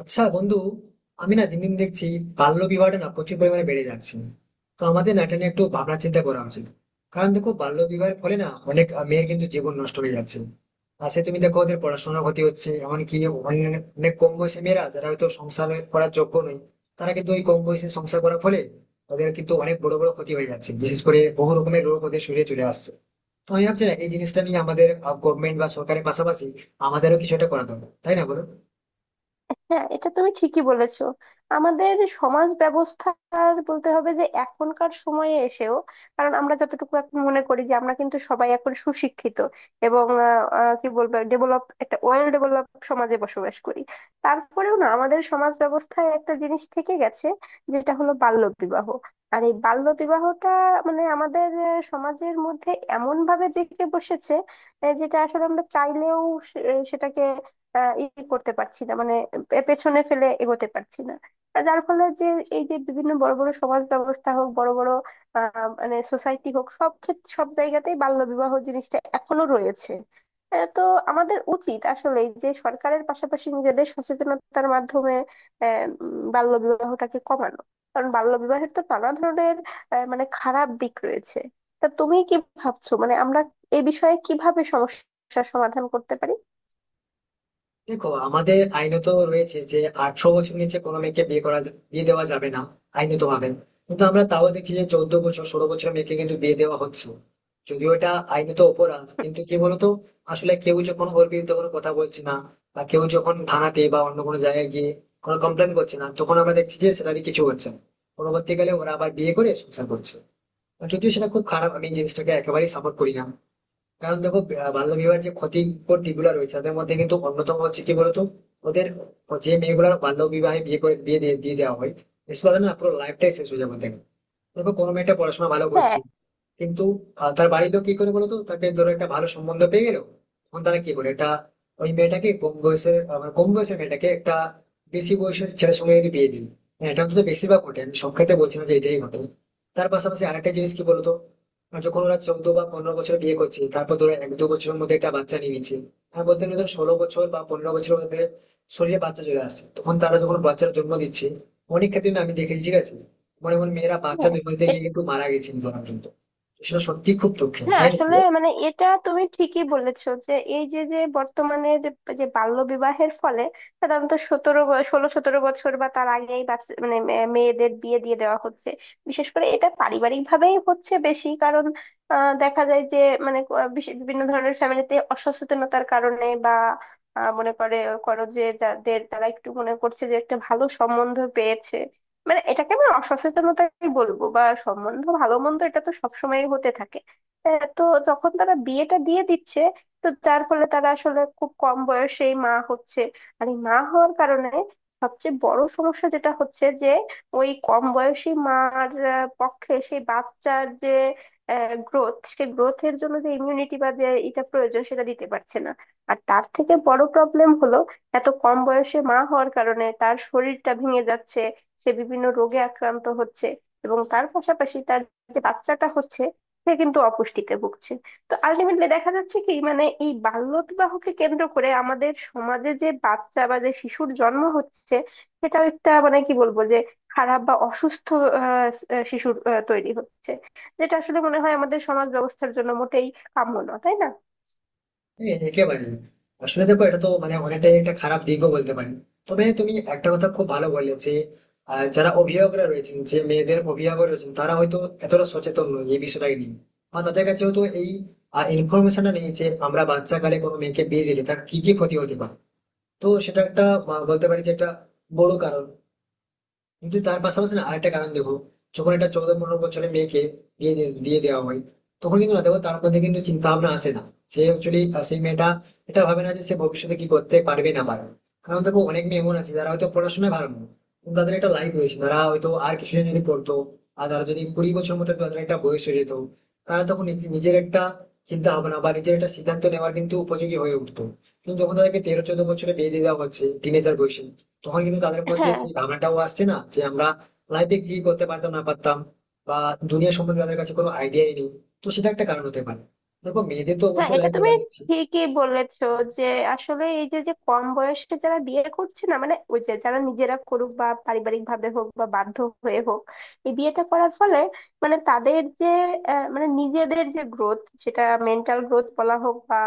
আচ্ছা বন্ধু, আমি না দিন দিন দেখছি বাল্যবিবাহটা না প্রচুর পরিমাণে বেড়ে যাচ্ছে। তো আমাদের না এটা নিয়ে একটু ভাবনা চিন্তা করা উচিত। কারণ দেখো বাল্যবিবাহের ফলে না অনেক মেয়ের কিন্তু জীবন নষ্ট হয়ে যাচ্ছে। আর সে তুমি দেখো ওদের পড়াশোনার ক্ষতি হচ্ছে, এমনকি অনেক অনেক কম বয়সী মেয়েরা যারা হয়তো সংসার করার যোগ্য নয়, তারা কিন্তু ওই কম বয়সে সংসার করার ফলে ওদের কিন্তু অনেক বড় বড় ক্ষতি হয়ে যাচ্ছে, বিশেষ করে বহু রকমের রোগ ওদের শরীরে চলে আসছে। তো আমি ভাবছি না এই জিনিসটা নিয়ে আমাদের গভর্নমেন্ট বা সরকারের পাশাপাশি আমাদেরও কিছু একটা করা দরকার, তাই না বলো? হ্যাঁ, এটা তুমি ঠিকই বলেছো। আমাদের সমাজ ব্যবস্থার বলতে হবে যে এখনকার সময়ে এসেও, কারণ আমরা যতটুকু এখন মনে করি যে আমরা কিন্তু সবাই এখন সুশিক্ষিত এবং আহ, আহ, কি বলবো, একটা ওয়েল ডেভেলপ সমাজে বসবাস করি। তারপরেও না আমাদের সমাজ ব্যবস্থায় একটা জিনিস থেকে গেছে, যেটা হলো বাল্য বিবাহ। আর এই বাল্য বিবাহটা মানে আমাদের সমাজের মধ্যে এমন ভাবে জেঁকে বসেছে, যেটা আসলে আমরা চাইলেও সেটাকে আহ ই করতে পারছি না, মানে পেছনে ফেলে এগোতে পারছি না। আর যার ফলে যে এই যে বিভিন্ন বড় বড় সমাজ ব্যবস্থা হোক, বড় বড় মানে সোসাইটি হোক, সব ক্ষেত্রে সব জায়গাতেই বাল্য বিবাহ জিনিসটা এখনো রয়েছে। তো আমাদের উচিত আসলে যে, সরকারের পাশাপাশি নিজেদের সচেতনতার মাধ্যমে বাল্য বিবাহটাকে কমানো। কারণ বাল্য বিবাহের তো নানা ধরনের মানে খারাপ দিক রয়েছে। তা তুমি কি ভাবছো, মানে আমরা এ বিষয়ে কিভাবে সমস্যার সমাধান করতে পারি? দেখো আমাদের আইনত রয়েছে যে 18 বছর নিচে কোনো মেয়েকে বিয়ে দেওয়া যাবে না, আইনত ভাবে। কিন্তু আমরা তাও দেখছি যে 14 বছর 16 বছর মেয়েকে কিন্তু বিয়ে দেওয়া হচ্ছে। যদিও এটা আইনত অপরাধ, কিন্তু কি বলতো, আসলে কেউ যখন ওর বিরুদ্ধে কোনো কথা বলছে না, বা কেউ যখন থানাতে বা অন্য কোনো জায়গায় গিয়ে কোনো কমপ্লেন করছে না, তখন আমরা দেখছি যে সেটারই কিছু হচ্ছে না। পরবর্তীকালে ওরা আবার বিয়ে করে সংসার করছে। আর যদিও সেটা খুব খারাপ, আমি এই জিনিসটাকে একেবারেই সাপোর্ট করি না। কারণ দেখো, বাল্যবিবাহের যে ক্ষতিকর দিকগুলো রয়েছে তাদের মধ্যে কিন্তু অন্যতম হচ্ছে কি বলতো, ওদের যে মেয়েগুলো বাল্যবিবাহে বিয়ে করে বিয়ে দিয়ে দিয়ে দেওয়া হয় সে তাদের না পুরো লাইফটাই শেষ হয়ে যাবে ওদের। দেখো কোনো মেয়েটা পড়াশোনা ভালো করছে, হ্যাঁ, কিন্তু তার বাড়ির লোক কি করে বলতো, তাকে ধরো একটা ভালো সম্বন্ধ পেয়ে গেল, তখন তারা কি করে এটা ওই মেয়েটাকে কম বয়সের মানে কম বয়সের মেয়েটাকে একটা বেশি বয়সের ছেলের সঙ্গে যদি বিয়ে দিই। হ্যাঁ, এটা অন্তত বেশিরভাগ ঘটে, আমি সব ক্ষেত্রে বলছি না যে এটাই ঘটে। তার পাশাপাশি আরেকটা জিনিস কি বলতো, যখন ওরা 14 বা 15 বছর বিয়ে করছে তারপর ধরো 1-2 বছরের মধ্যে একটা বাচ্চা নিয়ে নিচ্ছে। হ্যাঁ, বলতে গেলে ধরো 16 বছর বা 15 বছরের মধ্যে শরীরে বাচ্চা চলে আসছে, তখন তারা যখন বাচ্চার জন্ম দিচ্ছে, অনেক ক্ষেত্রে না আমি দেখেছি, ঠিক আছে, এমন এমন মেয়েরা বাচ্চা জন্ম দিতে হ্যাঁ, গিয়ে কিন্তু মারা গেছে নিজেরা পর্যন্ত। তো সেটা সত্যি খুব দুঃখের, হ্যাঁ, তাই না আসলে বলো? মানে এটা তুমি ঠিকই বলেছো যে এই যে যে বর্তমানে যে যে বাল্য বিবাহের ফলে সাধারণত 16-17 বছর বা তার আগেই বাচ্চা মানে মেয়েদের বিয়ে দিয়ে দেওয়া হচ্ছে। বিশেষ করে এটা পারিবারিক ভাবেই হচ্ছে বেশি, কারণ দেখা যায় যে, মানে বিভিন্ন ধরনের ফ্যামিলিতে অসচেতনতার কারণে, বা মনে করে, করো যে, যাদের তারা একটু মনে করছে যে একটা ভালো সম্বন্ধ পেয়েছে, মানে এটাকে আমি অসচেতনতাই বলবো, বা সম্বন্ধ ভালো মন্দ এটা তো সবসময় হতে থাকে। তো যখন তারা বিয়েটা দিয়ে দিচ্ছে, তো যার ফলে তারা আসলে খুব কম বয়সেই মা হচ্ছে। আর এই মা হওয়ার কারণে সবচেয়ে বড় সমস্যা যেটা হচ্ছে যে, ওই কম বয়সী মার পক্ষে সেই বাচ্চার যে গ্রোথ, সে গ্রোথের জন্য যে ইমিউনিটি বা যে এটা প্রয়োজন সেটা দিতে পারছে না। আর তার থেকে বড় প্রবলেম হলো এত কম বয়সে মা হওয়ার কারণে তার শরীরটা ভেঙে যাচ্ছে, সে বিভিন্ন রোগে আক্রান্ত হচ্ছে। এবং তার পাশাপাশি তার যে বাচ্চাটা হচ্ছে, সে কিন্তু অপুষ্টিতে ভুগছে। তো আলটিমেটলি দেখা যাচ্ছে কি, মানে এই বাল্যবিবাহকে কেন্দ্র করে আমাদের সমাজে যে বাচ্চা বা যে শিশুর জন্ম হচ্ছে, সেটাও একটা, মানে কি বলবো, যে খারাপ বা অসুস্থ আহ, আহ, শিশুর তৈরি হচ্ছে, যেটা আসলে মনে হয় আমাদের সমাজ ব্যবস্থার জন্য মোটেই কাম্য না, তাই না? হ্যাঁ, একেবারে। আসলে দেখো এটা তো মানে অনেকটাই একটা খারাপ দিকও বলতে পারি। তবে তুমি একটা কথা খুব ভালো বললে, যে যারা অভিভাবকরা রয়েছেন, যে মেয়েদের অভিভাবক রয়েছেন, তারা হয়তো এতটা সচেতন নয় এই বিষয়টাই নিয়ে, বা তাদের কাছে হয়তো এই ইনফরমেশনটা নেই যে আমরা বাচ্চা কালে কোনো মেয়েকে বিয়ে দিলে তার কি কি ক্ষতি হতে পারে। তো সেটা একটা বলতে পারি যে একটা বড় কারণ। কিন্তু তার পাশাপাশি না আরেকটা কারণ দেখো, যখন একটা 14-15 বছরের মেয়েকে দিয়ে দেওয়া হয় তখন কিন্তু না দেখো তার মধ্যে কিন্তু চিন্তা ভাবনা আসে না। সে অ্যাকচুয়ালি, সেই মেয়েটা এটা ভাবে না যে সে ভবিষ্যতে কি করতে পারবে না পারবে। কারণ দেখো অনেক মেয়ে এমন আছে যারা হয়তো পড়াশোনায় ভালো নয়, কিন্তু তাদের একটা লাইফ রয়েছে, তারা হয়তো আর কিছুদিন যদি পড়তো, আর তারা যদি 20 বছর মতো তাদের একটা বয়স হয়ে যেত, তারা তখন নিজের একটা চিন্তা ভাবনা বা নিজের একটা সিদ্ধান্ত নেওয়ার কিন্তু উপযোগী হয়ে উঠতো। কিন্তু যখন তাদেরকে 13-14 বছরে বিয়ে দিয়ে দেওয়া হচ্ছে টিনেজার বয়সে, তখন কিন্তু তাদের মধ্যে হ্যাঁ, সেই ভাবনাটাও আসছে না যে আমরা লাইফে কি করতে পারতাম না পারতাম, বা দুনিয়া সম্বন্ধে তাদের কাছে কোনো আইডিয়াই নেই। তো সেটা একটা কারণ হতে পারে। দেখো মেয়েদের তো হ্যাঁ, অবশ্যই এটা লাইফ তুমি বরবাদ হচ্ছে। ঠিকই বলেছো যে আসলে এই যে যে কম বয়সে যারা বিয়ে করছে না, মানে ওই যে যারা নিজেরা করুক বা পারিবারিক ভাবে হোক বা বাধ্য হয়ে হোক, এই বিয়েটা করার ফলে মানে তাদের যে মানে নিজেদের যে গ্রোথ, সেটা মেন্টাল গ্রোথ বলা হোক বা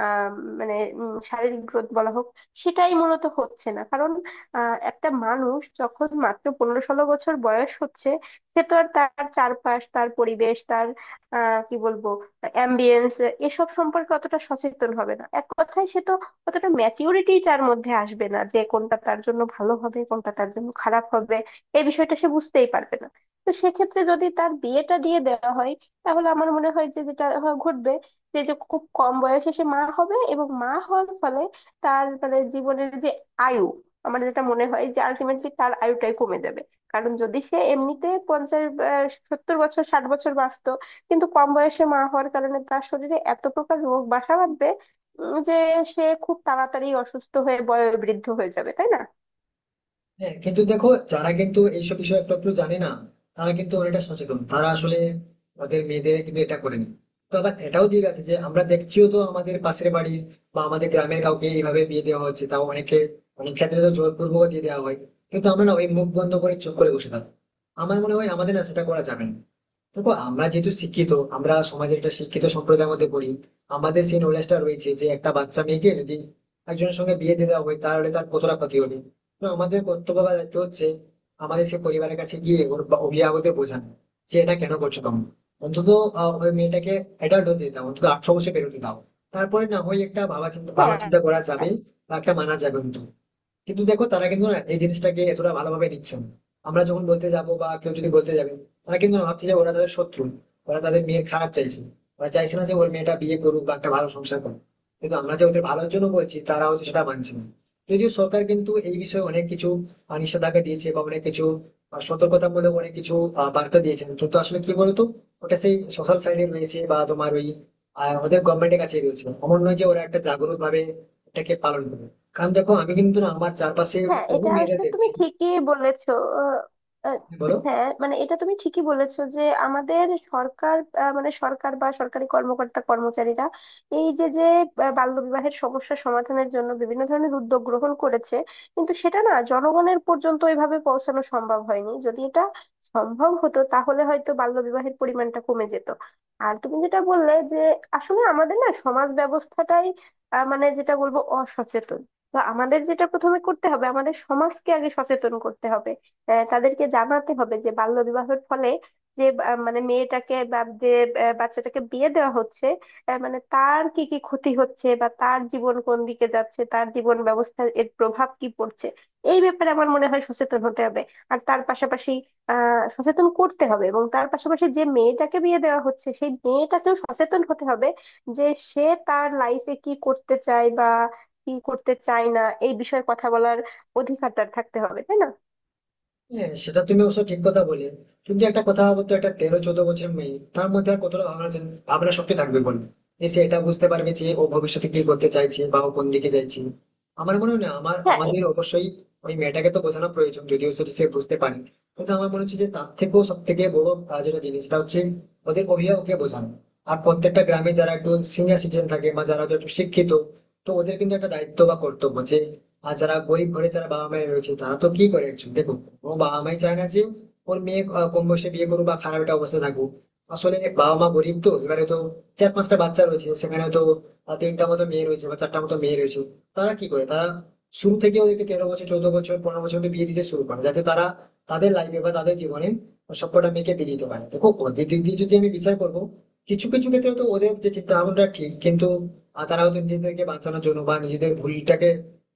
আহ, মানে শারীরিক গ্রোথ বলা হোক, সেটাই মূলত হচ্ছে না। কারণ একটা মানুষ যখন মাত্র 15-16 বছর বয়স হচ্ছে, সে তো আর তার চারপাশ, তার পরিবেশ, তার কি বলবো, অ্যাম্বিয়েন্স এসব সম্পর্কে অতটা সচেতন হবে না। এক কথায় সে তো অতটা ম্যাচিউরিটি তার মধ্যে আসবে না যে কোনটা তার জন্য ভালো হবে কোনটা তার জন্য খারাপ হবে, এই বিষয়টা সে বুঝতেই পারবে না। তো সেক্ষেত্রে যদি তার বিয়েটা দিয়ে দেওয়া হয়, তাহলে আমার মনে হয় যে যেটা ঘটবে, যে যে খুব কম বয়সে সে মা হবে এবং মা হওয়ার ফলে তার মানে জীবনের যে আয়ু, আমার যেটা মনে হয় যে আলটিমেটলি তার আয়ুটাই কমে যাবে। কারণ যদি সে এমনিতে 50, 70 বছর, 60 বছর বাঁচতো, কিন্তু কম বয়সে মা হওয়ার কারণে তার শরীরে এত প্রকার রোগ বাসা বাঁধবে, যে সে খুব তাড়াতাড়ি অসুস্থ হয়ে বয়োবৃদ্ধ হয়ে যাবে, তাই না? হ্যাঁ, কিন্তু দেখো যারা কিন্তু এইসব বিষয়ে একটু একটু জানে না, তারা কিন্তু অনেকটা সচেতন, তারা আসলে তাদের মেয়েদের কিন্তু এটা করেনি। তো আবার এটাও দিক আছে যে আমরা দেখছিও তো আমাদের পাশের বাড়ির বা আমাদের গ্রামের কাউকে এইভাবে বিয়ে দেওয়া হচ্ছে, তাও অনেকে অনেক ক্ষেত্রে তো জোরপূর্বক দিয়ে দেওয়া হয়, কিন্তু আমরা না ওই মুখ বন্ধ করে চুপ করে বসে থাকি। আমার মনে হয় আমাদের না সেটা করা যাবে না। দেখো আমরা যেহেতু শিক্ষিত, আমরা সমাজের একটা শিক্ষিত সম্প্রদায়ের মধ্যে পড়ি, আমাদের সেই নলেজটা রয়েছে যে একটা বাচ্চা মেয়েকে যদি একজনের সঙ্গে বিয়ে দিয়ে দেওয়া হয় তাহলে তার কতটা ক্ষতি হবে। তো আমাদের কর্তব্য বা দায়িত্ব হচ্ছে আমাদের সেই পরিবারের কাছে গিয়ে ওর বা অভিভাবকদের বোঝানো যে এটা কেন করছো তুমি, অন্তত ওই মেয়েটাকে অ্যাডাল্ট হতে দাও, অন্তত 18 বছর পেরোতে দাও, তারপরে না হয় একটা ভাবা চিন্তা ভাবনা হ্যাঁ, চিন্তা করা যাবে বা একটা মানা যাবে। কিন্তু কিন্তু দেখো তারা কিন্তু না এই জিনিসটাকে এতটা ভালোভাবে নিচ্ছে না। আমরা যখন বলতে যাব বা কেউ যদি বলতে যাবে, তারা কিন্তু ভাবছে যে ওরা তাদের শত্রু, ওরা তাদের মেয়ের খারাপ চাইছে, ওরা চাইছে না যে ওর মেয়েটা বিয়ে করুক বা একটা ভালো সংসার করুক। কিন্তু আমরা যে ওদের ভালোর জন্য বলছি, তারা হচ্ছে সেটা মানছে না। যদিও সরকার কিন্তু এই বিষয়ে অনেক কিছু নিষেধাজ্ঞা দিয়েছে বা অনেক কিছু সতর্কতামূলক অনেক কিছু বার্তা দিয়েছেন, কিন্তু আসলে কি বলতো, ওটা সেই সোশ্যাল সাইডে রয়েছে বা তোমার ওই আর ওদের গভর্নমেন্টের কাছে রয়েছে, এমন নয় যে ওরা একটা জাগরুক ভাবে এটাকে পালন করে। কারণ দেখো আমি কিন্তু না আমার চারপাশে হ্যাঁ, বহু এটা মেয়েদের আসলে তুমি দেখছি। ঠিকই বলেছো। আহ, আহ, হ্যাঁ, বলো। হ্যাঁ, মানে এটা তুমি ঠিকই বলেছো যে আমাদের সরকার, মানে সরকার বা সরকারি কর্মকর্তা কর্মচারীরা এই যে যে বাল্যবিবাহের সমস্যা সমাধানের জন্য বিভিন্ন ধরনের উদ্যোগ গ্রহণ করেছে, কিন্তু সেটা না জনগণের পর্যন্ত ওইভাবে পৌঁছানো সম্ভব হয়নি। যদি এটা সম্ভব হতো তাহলে হয়তো বাল্যবিবাহের পরিমাণটা কমে যেত। আর তুমি যেটা বললে যে আসলে আমাদের না সমাজ ব্যবস্থাটাই মানে যেটা বলবো, অসচেতন। বা আমাদের যেটা প্রথমে করতে হবে, আমাদের সমাজকে আগে সচেতন করতে হবে। তাদেরকে জানাতে হবে যে বাল্য বিবাহের ফলে যে মানে মেয়েটাকে বা যে বাচ্চাটাকে বিয়ে দেওয়া হচ্ছে, মানে তার কি কি ক্ষতি হচ্ছে, বা তার জীবন কোন দিকে যাচ্ছে, তার জীবন ব্যবস্থার এর প্রভাব কি পড়ছে, এই ব্যাপারে আমার মনে হয় সচেতন হতে হবে। আর তার পাশাপাশি সচেতন করতে হবে, এবং তার পাশাপাশি যে মেয়েটাকে বিয়ে দেওয়া হচ্ছে সেই মেয়েটাকেও সচেতন হতে হবে যে সে তার লাইফে কি করতে চায় বা কি করতে চায় না, এই বিষয়ে কথা বলার অধিকার তার থাকতে হবে, তাই না? হ্যাঁ, সেটা তুমি অবশ্য ঠিক কথা বলে। কিন্তু একটা কথা বলতো, একটা 13-14 বছর মেয়ে তার মধ্যে আর কতটা ভাবনা শক্তি থাকবে বল? এই সে এটা বুঝতে পারবে যে ও ভবিষ্যতে কি করতে চাইছে বা ও কোন দিকে চাইছে? আমার মনে হয় না, আমার হ্যাঁ, আমাদের অবশ্যই ওই মেয়েটাকে তো বোঝানো প্রয়োজন, যদিও সেটা সে বুঝতে পারে। কিন্তু আমার মনে হচ্ছে যে তার থেকেও সব থেকে বড় যেটা জিনিসটা হচ্ছে ওদের অভিভাবককে বোঝানো। আর প্রত্যেকটা গ্রামে যারা একটু সিনিয়র সিটিজেন থাকে বা যারা হয়তো একটু শিক্ষিত, তো ওদের কিন্তু একটা দায়িত্ব বা কর্তব্য যে, আর যারা গরিব ঘরে যারা বাবা মায়ের রয়েছে তারা তো কি করে, একজন দেখো ও বাবা মাই চায় না যে ওর মেয়ে কম বয়সে বিয়ে করুক বা খারাপ একটা অবস্থা থাকুক। আসলে বাবা মা গরিব তো, এবারে তো চার পাঁচটা বাচ্চা রয়েছে, সেখানে তো তিনটা মতো মেয়ে রয়েছে বা চারটা মতো মেয়ে রয়েছে, তারা কি করে তারা শুরু থেকে ওদেরকে 13 বছর 14 বছর 15 বছর অবধি বিয়ে দিতে শুরু করে, যাতে তারা তাদের লাইফে বা তাদের জীবনে সবকটা মেয়েকে বিয়ে দিতে পারে। দেখো ওদের দিক দিয়ে যদি আমি বিচার করবো, কিছু কিছু ক্ষেত্রে তো ওদের যে চিন্তা ভাবনাটা ঠিক, কিন্তু আর তারা হয়তো নিজেদেরকে বাঁচানোর জন্য বা নিজেদের ভুলটাকে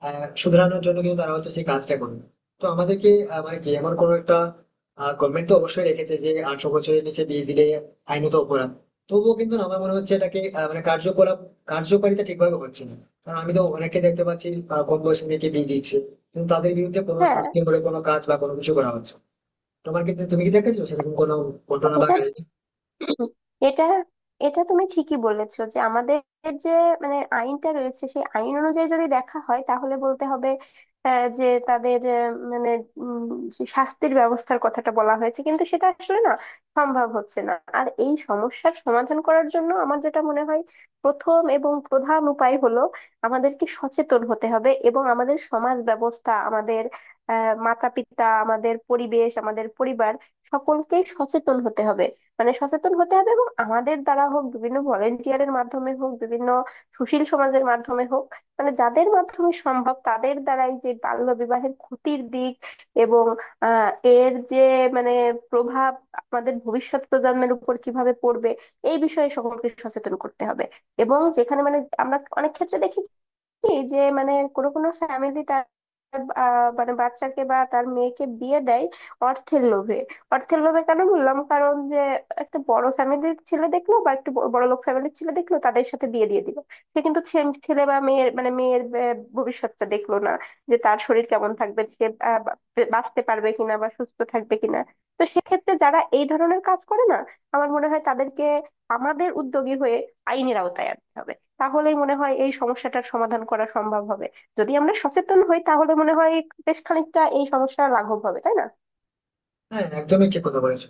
শুধরানোর জন্য কিন্তু তারা হয়তো সেই কাজটা করে না। তো আমাদেরকে মানে কি এমন কোনো একটা, গভর্নমেন্ট তো অবশ্যই রেখেছে যে 18 বছরের নিচে বিয়ে দিলে আইনত অপরাধ, তবুও কিন্তু না, আমার মনে হচ্ছে এটাকে মানে কার্যকলাপ কার্যকারিতা ঠিকভাবে হচ্ছে না। কারণ আমি তো অনেককে দেখতে পাচ্ছি কম বয়সী মেয়েকে বিয়ে দিচ্ছে, কিন্তু তাদের বিরুদ্ধে কোনো হ্যাঁ, শাস্তি বলে কোনো কাজ বা কোনো কিছু করা হচ্ছে। তোমার কি, তুমি কি দেখেছো সেরকম কোনো ঘটনা বা এটা কাহিনী? এটা এটা তুমি ঠিকই বলেছো যে আমাদের যে মানে আইনটা রয়েছে, সেই আইন অনুযায়ী যদি দেখা হয় তাহলে বলতে হবে যে তাদের মানে উম, যে শাস্তির ব্যবস্থার কথাটা বলা হয়েছে, কিন্তু সেটা আসলে না সম্ভব হচ্ছে না। আর এই সমস্যার সমাধান করার জন্য আমার যেটা মনে হয় প্রথম এবং প্রধান উপায় হলো, আমাদেরকে সচেতন হতে হবে, এবং আমাদের সমাজ ব্যবস্থা, আমাদের মাতা পিতা, আমাদের পরিবেশ, আমাদের পরিবার সকলকেই সচেতন হতে হবে। মানে সচেতন হতে হবে এবং আমাদের দ্বারা হোক, বিভিন্ন ভলেন্টিয়ারের মাধ্যমে হোক, বিভিন্ন সুশীল সমাজের মাধ্যমে হোক, মানে যাদের মাধ্যমে সম্ভব তাদের দ্বারাই যে বাল্য বিবাহের ক্ষতির দিক এবং আহ এর যে মানে প্রভাব আমাদের ভবিষ্যৎ প্রজন্মের উপর কিভাবে পড়বে, এই বিষয়ে সকলকে সচেতন করতে হবে। এবং যেখানে মানে আমরা অনেক ক্ষেত্রে দেখি কি, যে মানে কোনো কোনো ফ্যামিলি তার মানে বাচ্চাকে বা তার মেয়েকে বিয়ে দেয় অর্থের লোভে। অর্থের লোভে কেন বললাম, কারণ যে একটা বড় ফ্যামিলির ছেলে দেখলো বা একটু বড় লোক ফ্যামিলির ছেলে দেখলো, তাদের সাথে বিয়ে দিয়ে দিল, সে কিন্তু ছেলে বা মেয়ের মানে মেয়ের ভবিষ্যৎটা দেখলো না, যে তার শরীর কেমন থাকবে, সে বাঁচতে পারবে কিনা বা সুস্থ থাকবে কিনা। তো সেক্ষেত্রে যারা এই ধরনের কাজ করে না, আমার মনে হয় তাদেরকে আমাদের উদ্যোগী হয়ে আইনের আওতায় আনতে হবে, তাহলেই মনে হয় এই সমস্যাটার সমাধান করা সম্ভব হবে। যদি আমরা সচেতন হই তাহলে মনে হয় বেশ খানিকটা এই সমস্যা লাঘব হবে, তাই না? হ্যাঁ, একদমই ঠিক কথা বলেছো।